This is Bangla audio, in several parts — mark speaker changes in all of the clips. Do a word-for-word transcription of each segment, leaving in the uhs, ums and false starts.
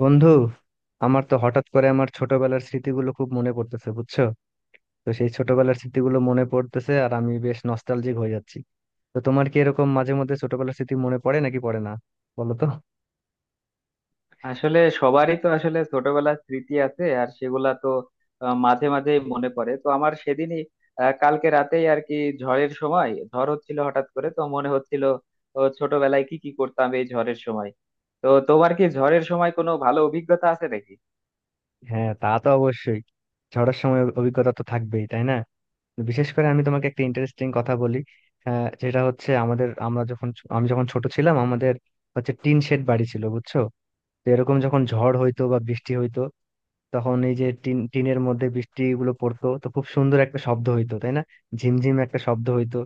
Speaker 1: বন্ধু, আমার তো হঠাৎ করে আমার ছোটবেলার স্মৃতিগুলো খুব মনে পড়তেছে বুঝছো। তো সেই ছোটবেলার স্মৃতিগুলো মনে পড়তেছে আর আমি বেশ নস্টালজিক হয়ে যাচ্ছি। তো তোমার কি এরকম মাঝে মধ্যে ছোটবেলার স্মৃতি মনে পড়ে নাকি পড়ে না, বলো তো?
Speaker 2: আসলে সবারই তো আসলে ছোটবেলার স্মৃতি আছে, আর সেগুলা তো আহ, মাঝে মাঝে মনে পড়ে। তো আমার সেদিনই আহ, কালকে রাতেই আর কি ঝড়ের সময় ঝড় হচ্ছিল, হঠাৎ করে তো মনে হচ্ছিল ও, ছোটবেলায় কি কি করতাম এই ঝড়ের সময়। তো তোমার কি ঝড়ের সময় কোনো ভালো অভিজ্ঞতা আছে নাকি?
Speaker 1: হ্যাঁ, তা তো অবশ্যই। ঝড়ের সময় অভিজ্ঞতা তো থাকবেই তাই না? বিশেষ করে আমি তোমাকে একটা ইন্টারেস্টিং কথা বলি। হ্যাঁ, যেটা হচ্ছে আমাদের আমরা যখন, আমি যখন ছোট ছিলাম আমাদের হচ্ছে টিন শেড বাড়ি ছিল বুঝছো। তো এরকম যখন ঝড় হইতো বা বৃষ্টি হইতো তখন এই যে টিন, টিনের মধ্যে বৃষ্টি গুলো পড়তো তো খুব সুন্দর একটা শব্দ হইতো তাই না। ঝিমঝিম একটা শব্দ হইতো,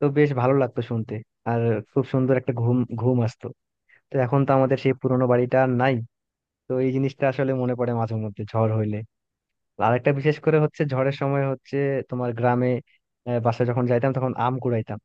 Speaker 1: তো বেশ ভালো লাগতো শুনতে। আর খুব সুন্দর একটা ঘুম ঘুম আসতো। তো এখন তো আমাদের সেই পুরোনো বাড়িটা আর নাই। তো এই জিনিসটা আসলে মনে পড়ে মাঝে মধ্যে ঝড় হইলে। আর একটা বিশেষ করে হচ্ছে ঝড়ের সময় হচ্ছে তোমার গ্রামে, আহ, বাসায় যখন যাইতাম তখন আম কুড়াইতাম।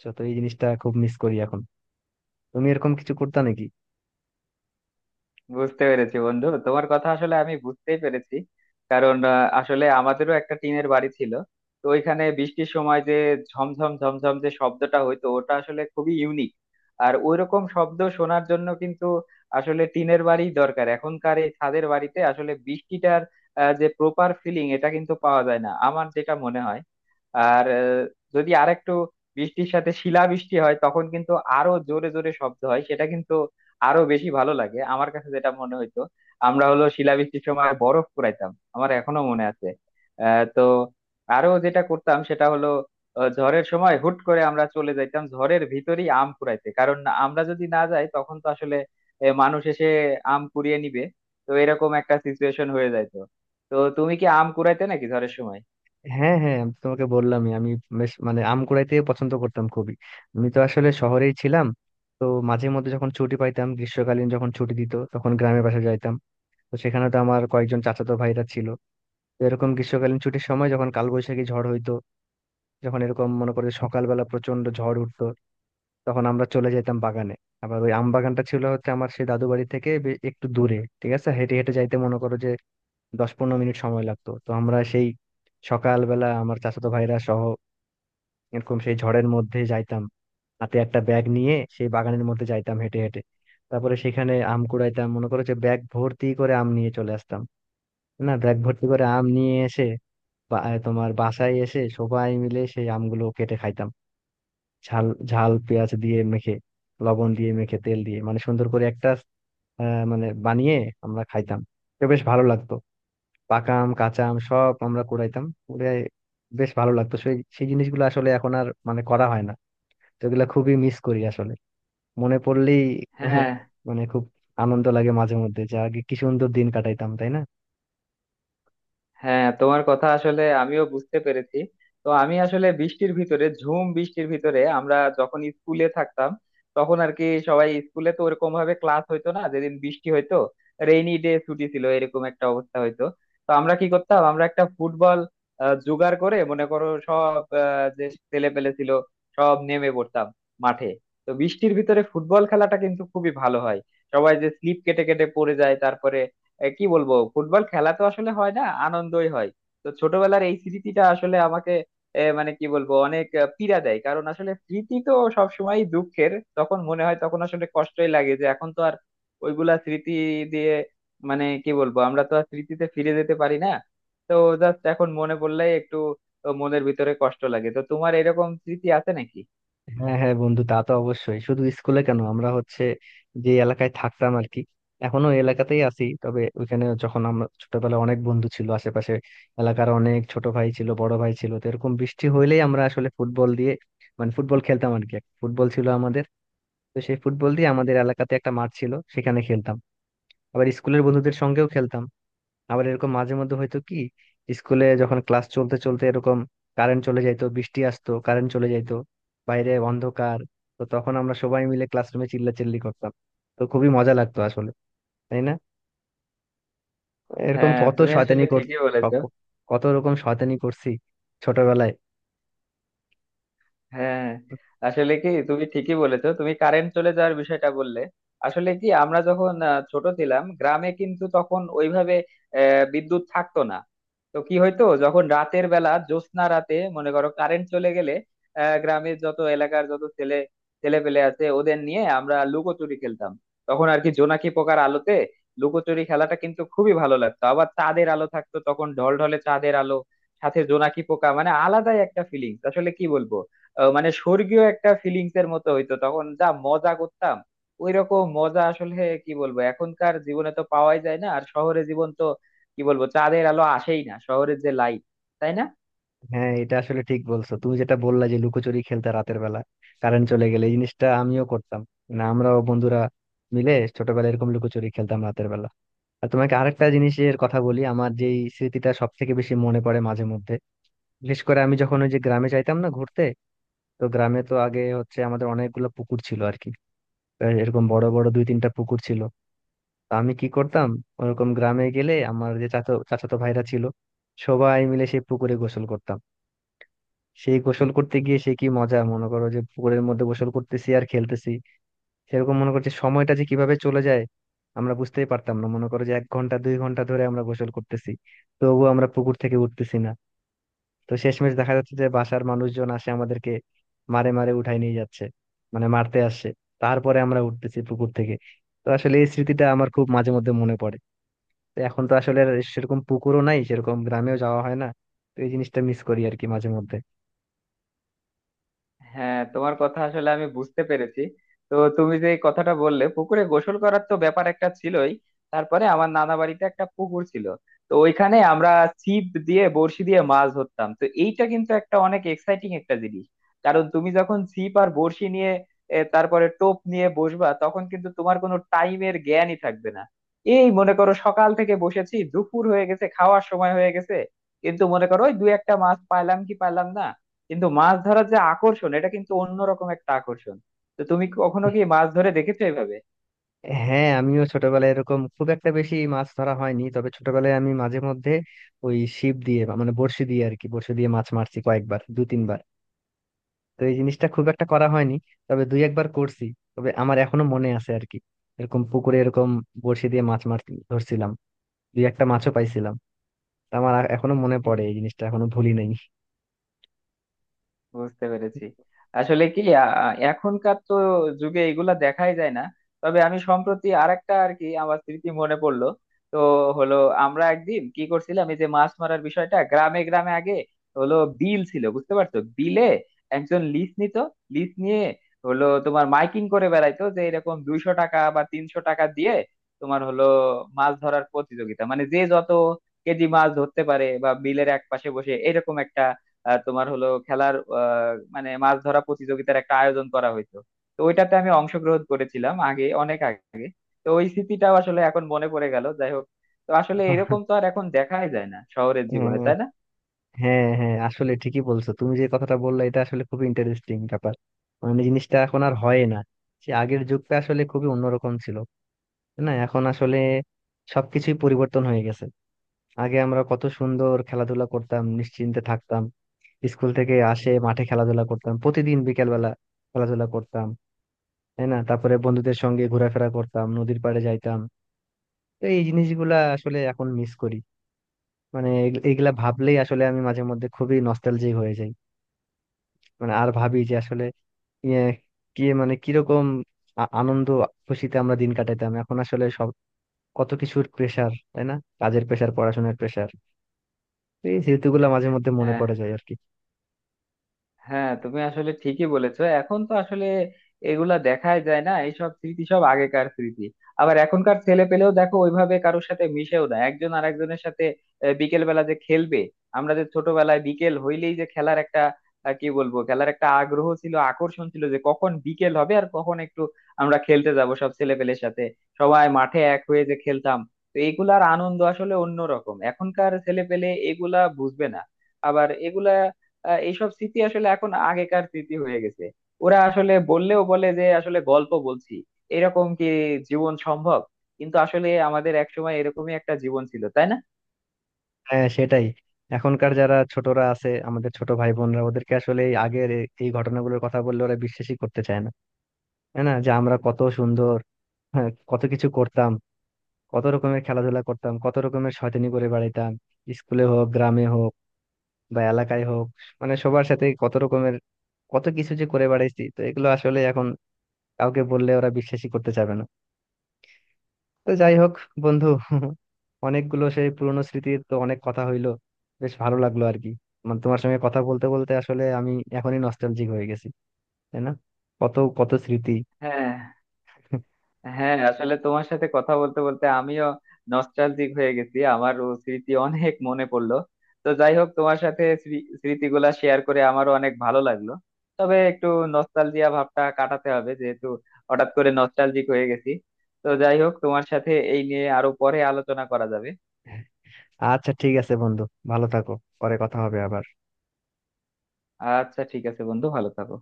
Speaker 1: তো তো এই জিনিসটা খুব মিস করি এখন। তুমি এরকম কিছু করতা নাকি?
Speaker 2: বুঝতে পেরেছি বন্ধু, তোমার কথা আসলে আমি বুঝতেই পেরেছি। কারণ আহ, আসলে আমাদেরও একটা টিনের বাড়ি ছিল। তো ওইখানে বৃষ্টির সময় যে ঝমঝম ঝমঝম যে শব্দটা হইতো, ওটা আসলে খুবই ইউনিক। আর ওইরকম শব্দ শোনার জন্য কিন্তু আসলে টিনের বাড়ি দরকার। এখনকার এই ছাদের বাড়িতে আসলে বৃষ্টিটার আহ, যে প্রপার ফিলিং, এটা কিন্তু পাওয়া যায় না আমার যেটা মনে হয়। আর আহ, যদি আরেকটু বৃষ্টির সাথে শিলা বৃষ্টি হয়, তখন কিন্তু আরো জোরে জোরে শব্দ হয়। সেটা কিন্তু আরো বেশি ভালো লাগে আমার কাছে, যেটা মনে হইতো। আমরা হলো শিলাবৃষ্টির সময় বরফ কুড়াইতাম, আমার এখনো মনে আছে। আহ তো আরো যেটা করতাম সেটা হলো আহ, ঝড়ের সময় হুট করে আমরা চলে যাইতাম ঝড়ের ভিতরেই আম কুড়াইতে। কারণ আমরা যদি না যাই তখন তো আসলে এ, মানুষ এসে আম কুড়িয়ে নিবে। তো এরকম একটা সিচুয়েশন হয়ে যাইতো। তো তুমি কি আম কুড়াইতে নাকি ঝড়ের সময়?
Speaker 1: হ্যাঁ হ্যাঁ, আমি তো তোমাকে বললামই, আমি বেশ মানে আম কুড়াইতে পছন্দ করতাম খুবই। আমি তো আসলে শহরেই ছিলাম। তো মাঝে মধ্যে যখন ছুটি পাইতাম, গ্রীষ্মকালীন যখন ছুটি দিত তখন গ্রামের বাসা যাইতাম। তো সেখানে তো আমার কয়েকজন চাচাতো ভাইরা ছিল। তো এরকম গ্রীষ্মকালীন ছুটির সময় যখন কালবৈশাখী ঝড় হইতো, যখন এরকম মনে করে যে সকালবেলা প্রচন্ড ঝড় উঠতো, তখন আমরা চলে যেতাম বাগানে। আবার ওই আম বাগানটা ছিল হচ্ছে আমার সেই দাদু বাড়ি থেকে বে- একটু দূরে, ঠিক আছে, হেঁটে হেঁটে যাইতে মনে করো যে দশ পনেরো মিনিট সময় লাগতো। তো আমরা সেই সকালবেলা আমার চাচাতো ভাইরা সহ এরকম সেই ঝড়ের মধ্যে যাইতাম, হাতে একটা ব্যাগ নিয়ে সেই বাগানের মধ্যে যাইতাম হেঁটে হেঁটে। তারপরে সেখানে আম কুড়াইতাম, মনে করো যে ব্যাগ ভর্তি করে আম নিয়ে চলে আসতাম। না, ব্যাগ ভর্তি করে আম নিয়ে এসে বা- আহ, তোমার বাসায় এসে সবাই মিলে সেই আমগুলো কেটে খাইতাম। ঝাল, ঝাল পেঁয়াজ দিয়ে মেখে, লবণ দিয়ে মেখে, তেল দিয়ে, মানে সুন্দর করে একটা আহ, মানে বানিয়ে আমরা খাইতাম। তো বেশ ভালো লাগতো। পাকা আম, কাঁচা আম সব আমরা কুড়াইতাম কুড়াই বেশ ভালো লাগতো, সেই সেই জিনিসগুলো আসলে এখন আর মানে করা হয় না। তো এগুলা খুবই মিস করি আসলে, মনে পড়লেই
Speaker 2: হ্যাঁ,
Speaker 1: মানে খুব আনন্দ লাগে মাঝে মধ্যে যে আগে কি সুন্দর দিন কাটাইতাম তাই না।
Speaker 2: হ্যাঁ, তোমার কথা আসলে আমিও বুঝতে পেরেছি। তো আমি আসলে বৃষ্টির ভিতরে, ঝুম বৃষ্টির ভিতরে আমরা যখন স্কুলে থাকতাম, তখন আর কি সবাই স্কুলে তো ওরকম ভাবে ক্লাস হইতো না যেদিন বৃষ্টি হইতো। রেইনি ডে, ছুটি ছিল, এরকম একটা অবস্থা হইতো। তো আমরা কি করতাম, আমরা একটা ফুটবল আহ, জোগাড় করে মনে করো সব আহ, যে ছেলে পেলে ছিল, সব নেমে পড়তাম মাঠে। তো বৃষ্টির ভিতরে ফুটবল খেলাটা কিন্তু খুবই ভালো হয়। সবাই যে স্লিপ কেটে কেটে পড়ে যায়, তারপরে এ, কি বলবো, ফুটবল খেলা তো আসলে হয় না, আনন্দই হয়। তো ছোটবেলার এই স্মৃতিটা আসলে আমাকে এ, মানে কি বলবো অনেক আহ, পীড়া দেয়। কারণ আসলে স্মৃতি তো সবসময় দুঃখের। তখন মনে হয় তখন আসলে কষ্টই লাগে যে এখন তো আর ওইগুলা স্মৃতি দিয়ে মানে কি বলবো, আমরা তো আর স্মৃতিতে ফিরে যেতে পারি না। তো জাস্ট এখন মনে পড়লেই একটু মনের ভিতরে কষ্ট লাগে। তো তোমার এরকম স্মৃতি আছে নাকি?
Speaker 1: হ্যাঁ হ্যাঁ বন্ধু, তা তো অবশ্যই। শুধু স্কুলে কেন, আমরা হচ্ছে যে এলাকায় থাকতাম আর কি, এখনো ওই এলাকাতেই আছি, তবে ওইখানে যখন আমরা ছোটবেলায় অনেক বন্ধু ছিল আশেপাশে, এলাকার অনেক ছোট ভাই ছিল বড় ভাই ছিল, তো এরকম বৃষ্টি হইলেই আমরা আসলে ফুটবল দিয়ে, মানে ফুটবল খেলতাম আর কি। ফুটবল ছিল আমাদের, তো সেই ফুটবল দিয়ে আমাদের এলাকাতে একটা মাঠ ছিল সেখানে খেলতাম। আবার স্কুলের বন্ধুদের সঙ্গেও খেলতাম। আবার এরকম মাঝে মধ্যে হয়তো কি, স্কুলে যখন ক্লাস চলতে চলতে এরকম কারেন্ট চলে যাইতো, বৃষ্টি আসতো, কারেন্ট চলে যাইতো, বাইরে অন্ধকার। তো তখন আমরা সবাই মিলে ক্লাসরুমে চিল্লাচিল্লি করতাম। তো খুবই মজা লাগতো আসলে, তাই না? এরকম
Speaker 2: হ্যাঁ,
Speaker 1: কত
Speaker 2: তুমি আসলে
Speaker 1: শয়তানি কর,
Speaker 2: ঠিকই বলেছো।
Speaker 1: সব- কত রকম শয়তানি করছি ছোটবেলায়।
Speaker 2: হ্যাঁ, আসলে কি তুমি ঠিকই বলেছো, তুমি কারেন্ট চলে যাওয়ার বিষয়টা বললে। আসলে কি আমরা যখন আহ, ছোট ছিলাম গ্রামে, কিন্তু তখন ওইভাবে আহ, বিদ্যুৎ থাকতো না। তো কি হয়তো যখন রাতের বেলা জ্যোৎস্না রাতে মনে করো কারেন্ট চলে গেলে আহ, গ্রামের যত এলাকার যত ছেলে ছেলে পেলে আছে ওদের নিয়ে আমরা লুকোচুরি খেলতাম। তখন আর কি জোনাকি পোকার আলোতে লুকোচুরি খেলাটা কিন্তু খুবই ভালো লাগতো। আবার চাঁদের আলো থাকতো তখন, ঢলঢলে চাঁদের আলো সাথে জোনাকি পোকা, মানে আলাদাই একটা ফিলিংস আসলে কি বলবো আহ, মানে স্বর্গীয় একটা ফিলিংস এর মতো হইতো। তখন যা মজা করতাম, ওই রকম মজা আসলে কি বলবো এখনকার জীবনে তো পাওয়াই যায় না। আর শহরে জীবন তো কি বলবো, চাঁদের আলো আসেই না শহরের যে লাইট, তাই না?
Speaker 1: হ্যাঁ, এটা আসলে ঠিক বলছো তুমি, যেটা বললা যে লুকোচুরি খেলতে রাতের বেলা কারেন্ট চলে গেলে, এই জিনিসটা আমিও করতাম। না, আমরাও বন্ধুরা মিলে ছোটবেলায় এরকম লুকোচুরি খেলতাম রাতের বেলা। আর তোমাকে আরেকটা জিনিসের কথা বলি, আমার যেই স্মৃতিটা সব থেকে বেশি মনে পড়ে মাঝে মধ্যে, বিশেষ করে আমি যখন ওই যে গ্রামে যাইতাম না ঘুরতে, তো গ্রামে তো আগে হচ্ছে আমাদের অনেকগুলো পুকুর ছিল আর কি। আর এরকম বড় বড় দুই তিনটা পুকুর ছিল। তো আমি কি করতাম, ওরকম গ্রামে গেলে আমার যে চাচা চাচাতো ভাইরা ছিল, সবাই মিলে সেই পুকুরে গোসল করতাম। সেই গোসল করতে গিয়ে সে কি মজা, মনে করো যে পুকুরের মধ্যে গোসল করতেছি আর খেলতেছি, সেরকম মনে করছে সময়টা যে কিভাবে চলে যায় আমরা বুঝতেই পারতাম না, মনে করো যে এক ঘন্টা দুই ঘন্টা ধরে আমরা গোসল করতেছি তবুও আমরা পুকুর থেকে উঠতেছি না। তো শেষমেশ দেখা যাচ্ছে যে বাসার মানুষজন আসে আমাদেরকে মারে মারে উঠাই নিয়ে যাচ্ছে, মানে মারতে আসছে, তারপরে আমরা উঠতেছি পুকুর থেকে। তো আসলে এই স্মৃতিটা আমার খুব মাঝে মধ্যে মনে পড়ে। তো এখন তো আসলে আর সেরকম পুকুরও নাই, সেরকম গ্রামেও যাওয়া হয় না। তো এই জিনিসটা মিস করি আর কি মাঝে মধ্যে।
Speaker 2: হ্যাঁ, তোমার কথা আসলে আমি বুঝতে পেরেছি। তো তুমি যে এই কথাটা বললে পুকুরে গোসল করার, তো ব্যাপার একটা ছিলই। তারপরে আমার নানা বাড়িতে একটা পুকুর ছিল। তো ওইখানে আমরা ছিপ দিয়ে বড়শি দিয়ে মাছ ধরতাম। তো এইটা কিন্তু একটা অনেক এক্সাইটিং একটা জিনিস। কারণ তুমি যখন ছিপ আর বড়শি নিয়ে এ, তারপরে টোপ নিয়ে বসবা, তখন কিন্তু তোমার কোনো টাইমের জ্ঞানই থাকবে না। এই মনে করো সকাল থেকে বসেছি, দুপুর হয়ে গেছে, খাওয়ার সময় হয়ে গেছে, কিন্তু মনে করো ওই দু একটা মাছ পাইলাম কি পাইলাম না। কিন্তু মাছ ধরার যে আকর্ষণ, এটা কিন্তু অন্যরকম একটা আকর্ষণ। তো তুমি কখনো কি মাছ ধরে দেখেছো এভাবে?
Speaker 1: হ্যাঁ, আমিও ছোটবেলায় এরকম খুব একটা বেশি মাছ ধরা হয়নি, তবে ছোটবেলায় আমি মাঝে মধ্যে ওই ছিপ দিয়ে বা মানে বড়শি দিয়ে আর কি, বড়শি দিয়ে মাছ মারছি কয়েকবার, দু তিনবার। তো এই জিনিসটা খুব একটা করা হয়নি, তবে দুই একবার করছি। তবে আমার এখনো মনে আছে আর কি, এরকম পুকুরে এরকম বড়শি দিয়ে মাছ মার ধরছিলাম, দুই একটা মাছও পাইছিলাম। তা আমার এখনো মনে পড়ে, এই জিনিসটা এখনো ভুলি নাই।
Speaker 2: বুঝতে পেরেছি। আসলে কি আ- আ- এখনকার তো যুগে এগুলা দেখাই যায় না। তবে আমি সম্প্রতি আরেকটা আর কি আমার স্মৃতি মনে পড়লো। তো হলো, আমরা একদিন কি করছিলাম, এই যে মাছ মারার বিষয়টা গ্রামে গ্রামে আগে হলো বিল ছিল, বুঝতে পারছো? বিলে একজন লিস নিত, লিস নিয়ে হলো তোমার মাইকিং করে বেড়াইতো যে এরকম দুইশো টাকা বা তিনশো টাকা দিয়ে তোমার হলো মাছ ধরার প্রতিযোগিতা, মানে যে যত কেজি মাছ ধরতে পারে বা বিলের এক পাশে বসে এরকম আহ, তোমার হলো খেলার আহ, মানে মাছ ধরা প্রতিযোগিতার একটা আয়োজন করা হইতো। তো ওইটাতে আমি অংশগ্রহণ করেছিলাম, আগে অনেক আগে। তো ওই স্মৃতিটাও আসলে এখন মনে পড়ে গেল। যাই হোক, তো আসলে এরকম তো আর এখন দেখাই যায় না শহরের জীবনে, তাই না?
Speaker 1: হ্যাঁ হ্যাঁ, আসলে ঠিকই বলছো তুমি, যে কথাটা বললে এটা আসলে খুবই ইন্টারেস্টিং ব্যাপার। মানে জিনিসটা এখন আর হয় না, সে আগের যুগটা আসলে খুবই অন্যরকম ছিল তাই না? এখন আসলে সবকিছুই পরিবর্তন হয়ে গেছে। আগে আমরা কত সুন্দর খেলাধুলা করতাম, নিশ্চিন্তে থাকতাম। স্কুল থেকে আসে মাঠে খেলাধুলা করতাম প্রতিদিন বিকেল বেলা, খেলাধুলা করতাম তাই না। তারপরে বন্ধুদের সঙ্গে ঘোরাফেরা করতাম, নদীর পাড়ে যাইতাম। তো এই জিনিসগুলা আসলে এখন মিস করি, মানে এগ- এগুলা ভাবলেই আসলে আমি মাঝে মধ্যে খুবই নস্টালজিক হয়ে যাই। মানে আর ভাবি যে আসলে ইয়ে, কি মানে কিরকম আ- আনন্দ খুশিতে আমরা দিন কাটাতাম, এখন আসলে সব কত কিছুর প্রেসার তাই না। কাজের প্রেসার, পড়াশোনার প্রেসার। এই স্মৃতিগুলো মাঝে মধ্যে মনে
Speaker 2: হ্যাঁ,
Speaker 1: পড়ে যায় আর কি।
Speaker 2: হ্যাঁ, তুমি আসলে ঠিকই বলেছো, এখন তো আসলে এগুলা দেখাই যায় না। এইসব স্মৃতি সব আগেকার স্মৃতি। আবার এখনকার ছেলে পেলেও দেখো ওইভাবে কারোর সাথে মিশেও না একজন আরেকজনের সাথে। আহ, বিকেল বেলা যে খেলবে, আমরা যে ছোটবেলায় বিকেল হইলেই যে খেলার একটা আহ, কি বলবো খেলার একটা আগ্রহ ছিল, আকর্ষণ ছিল যে কখন বিকেল হবে আর কখন একটু আমরা খেলতে যাব সব ছেলে পেলের সাথে, সবাই মাঠে এক হয়ে যে খেলতাম। তো এগুলার আনন্দ আসলে অন্যরকম। এখনকার ছেলে পেলে এগুলা বুঝবে না। আবার এগুলা আহ, এইসব স্মৃতি আসলে এখন আগেকার স্মৃতি হয়ে গেছে। ওরা আসলে বললেও বলে যে আসলে গল্প বলছি, এরকম কি জীবন সম্ভব? কিন্তু আসলে আমাদের একসময় এরকমই একটা জীবন ছিল, তাই না?
Speaker 1: হ্যাঁ সেটাই। এখনকার যারা ছোটরা আছে, আমাদের ছোট ভাই বোনরা, ওদেরকে আসলে এই আগের এ- এই ঘটনাগুলোর কথা বললে ওরা বিশ্বাসই করতে চায় না। তাই না, যে আমরা কত সুন্দর, হ্যাঁ কত কিছু করতাম, কত রকমের খেলাধুলা করতাম, কত রকমের শয়তানি করে বেড়াইতাম, স্কুলে হোক, গ্রামে হোক, বা এলাকায় হোক, মানে সবার সাথে কত রকমের কত কিছু যে করে বেড়াইছি, তো এগুলো আসলে এখন কাউকে বললে ওরা বিশ্বাসই করতে চাবে না। তো যাই হোক বন্ধু, অনেকগুলো সেই পুরনো স্মৃতির তো অনেক কথা হইলো। বেশ ভালো লাগলো আর কি, মানে তোমার সঙ্গে কথা বলতে বলতে আসলে আমি এখনই নস্টালজিক হয়ে গেছি তাই না। কত কত স্মৃতি।
Speaker 2: হ্যাঁ, হ্যাঁ, আসলে তোমার সাথে কথা বলতে বলতে আমিও নস্টালজিক হয়ে গেছি, আমারও স্মৃতি অনেক মনে পড়লো। তো যাই হোক, তোমার সাথে স্মৃ- স্মৃতিগুলা শেয়ার করে আমারও অনেক ভালো লাগলো। তবে একটু নস্টালজিয়া ভাবটা কাটাতে হবে, যেহেতু হঠাৎ করে নস্টালজিক হয়ে গেছি। তো যাই হোক, তোমার সাথে এই নিয়ে আরো পরে আলোচনা করা যাবে।
Speaker 1: আচ্ছা ঠিক আছে বন্ধু, ভালো থাকো, পরে কথা হবে আবার।
Speaker 2: আচ্ছা, ঠিক আছে বন্ধু, ভালো থাকো।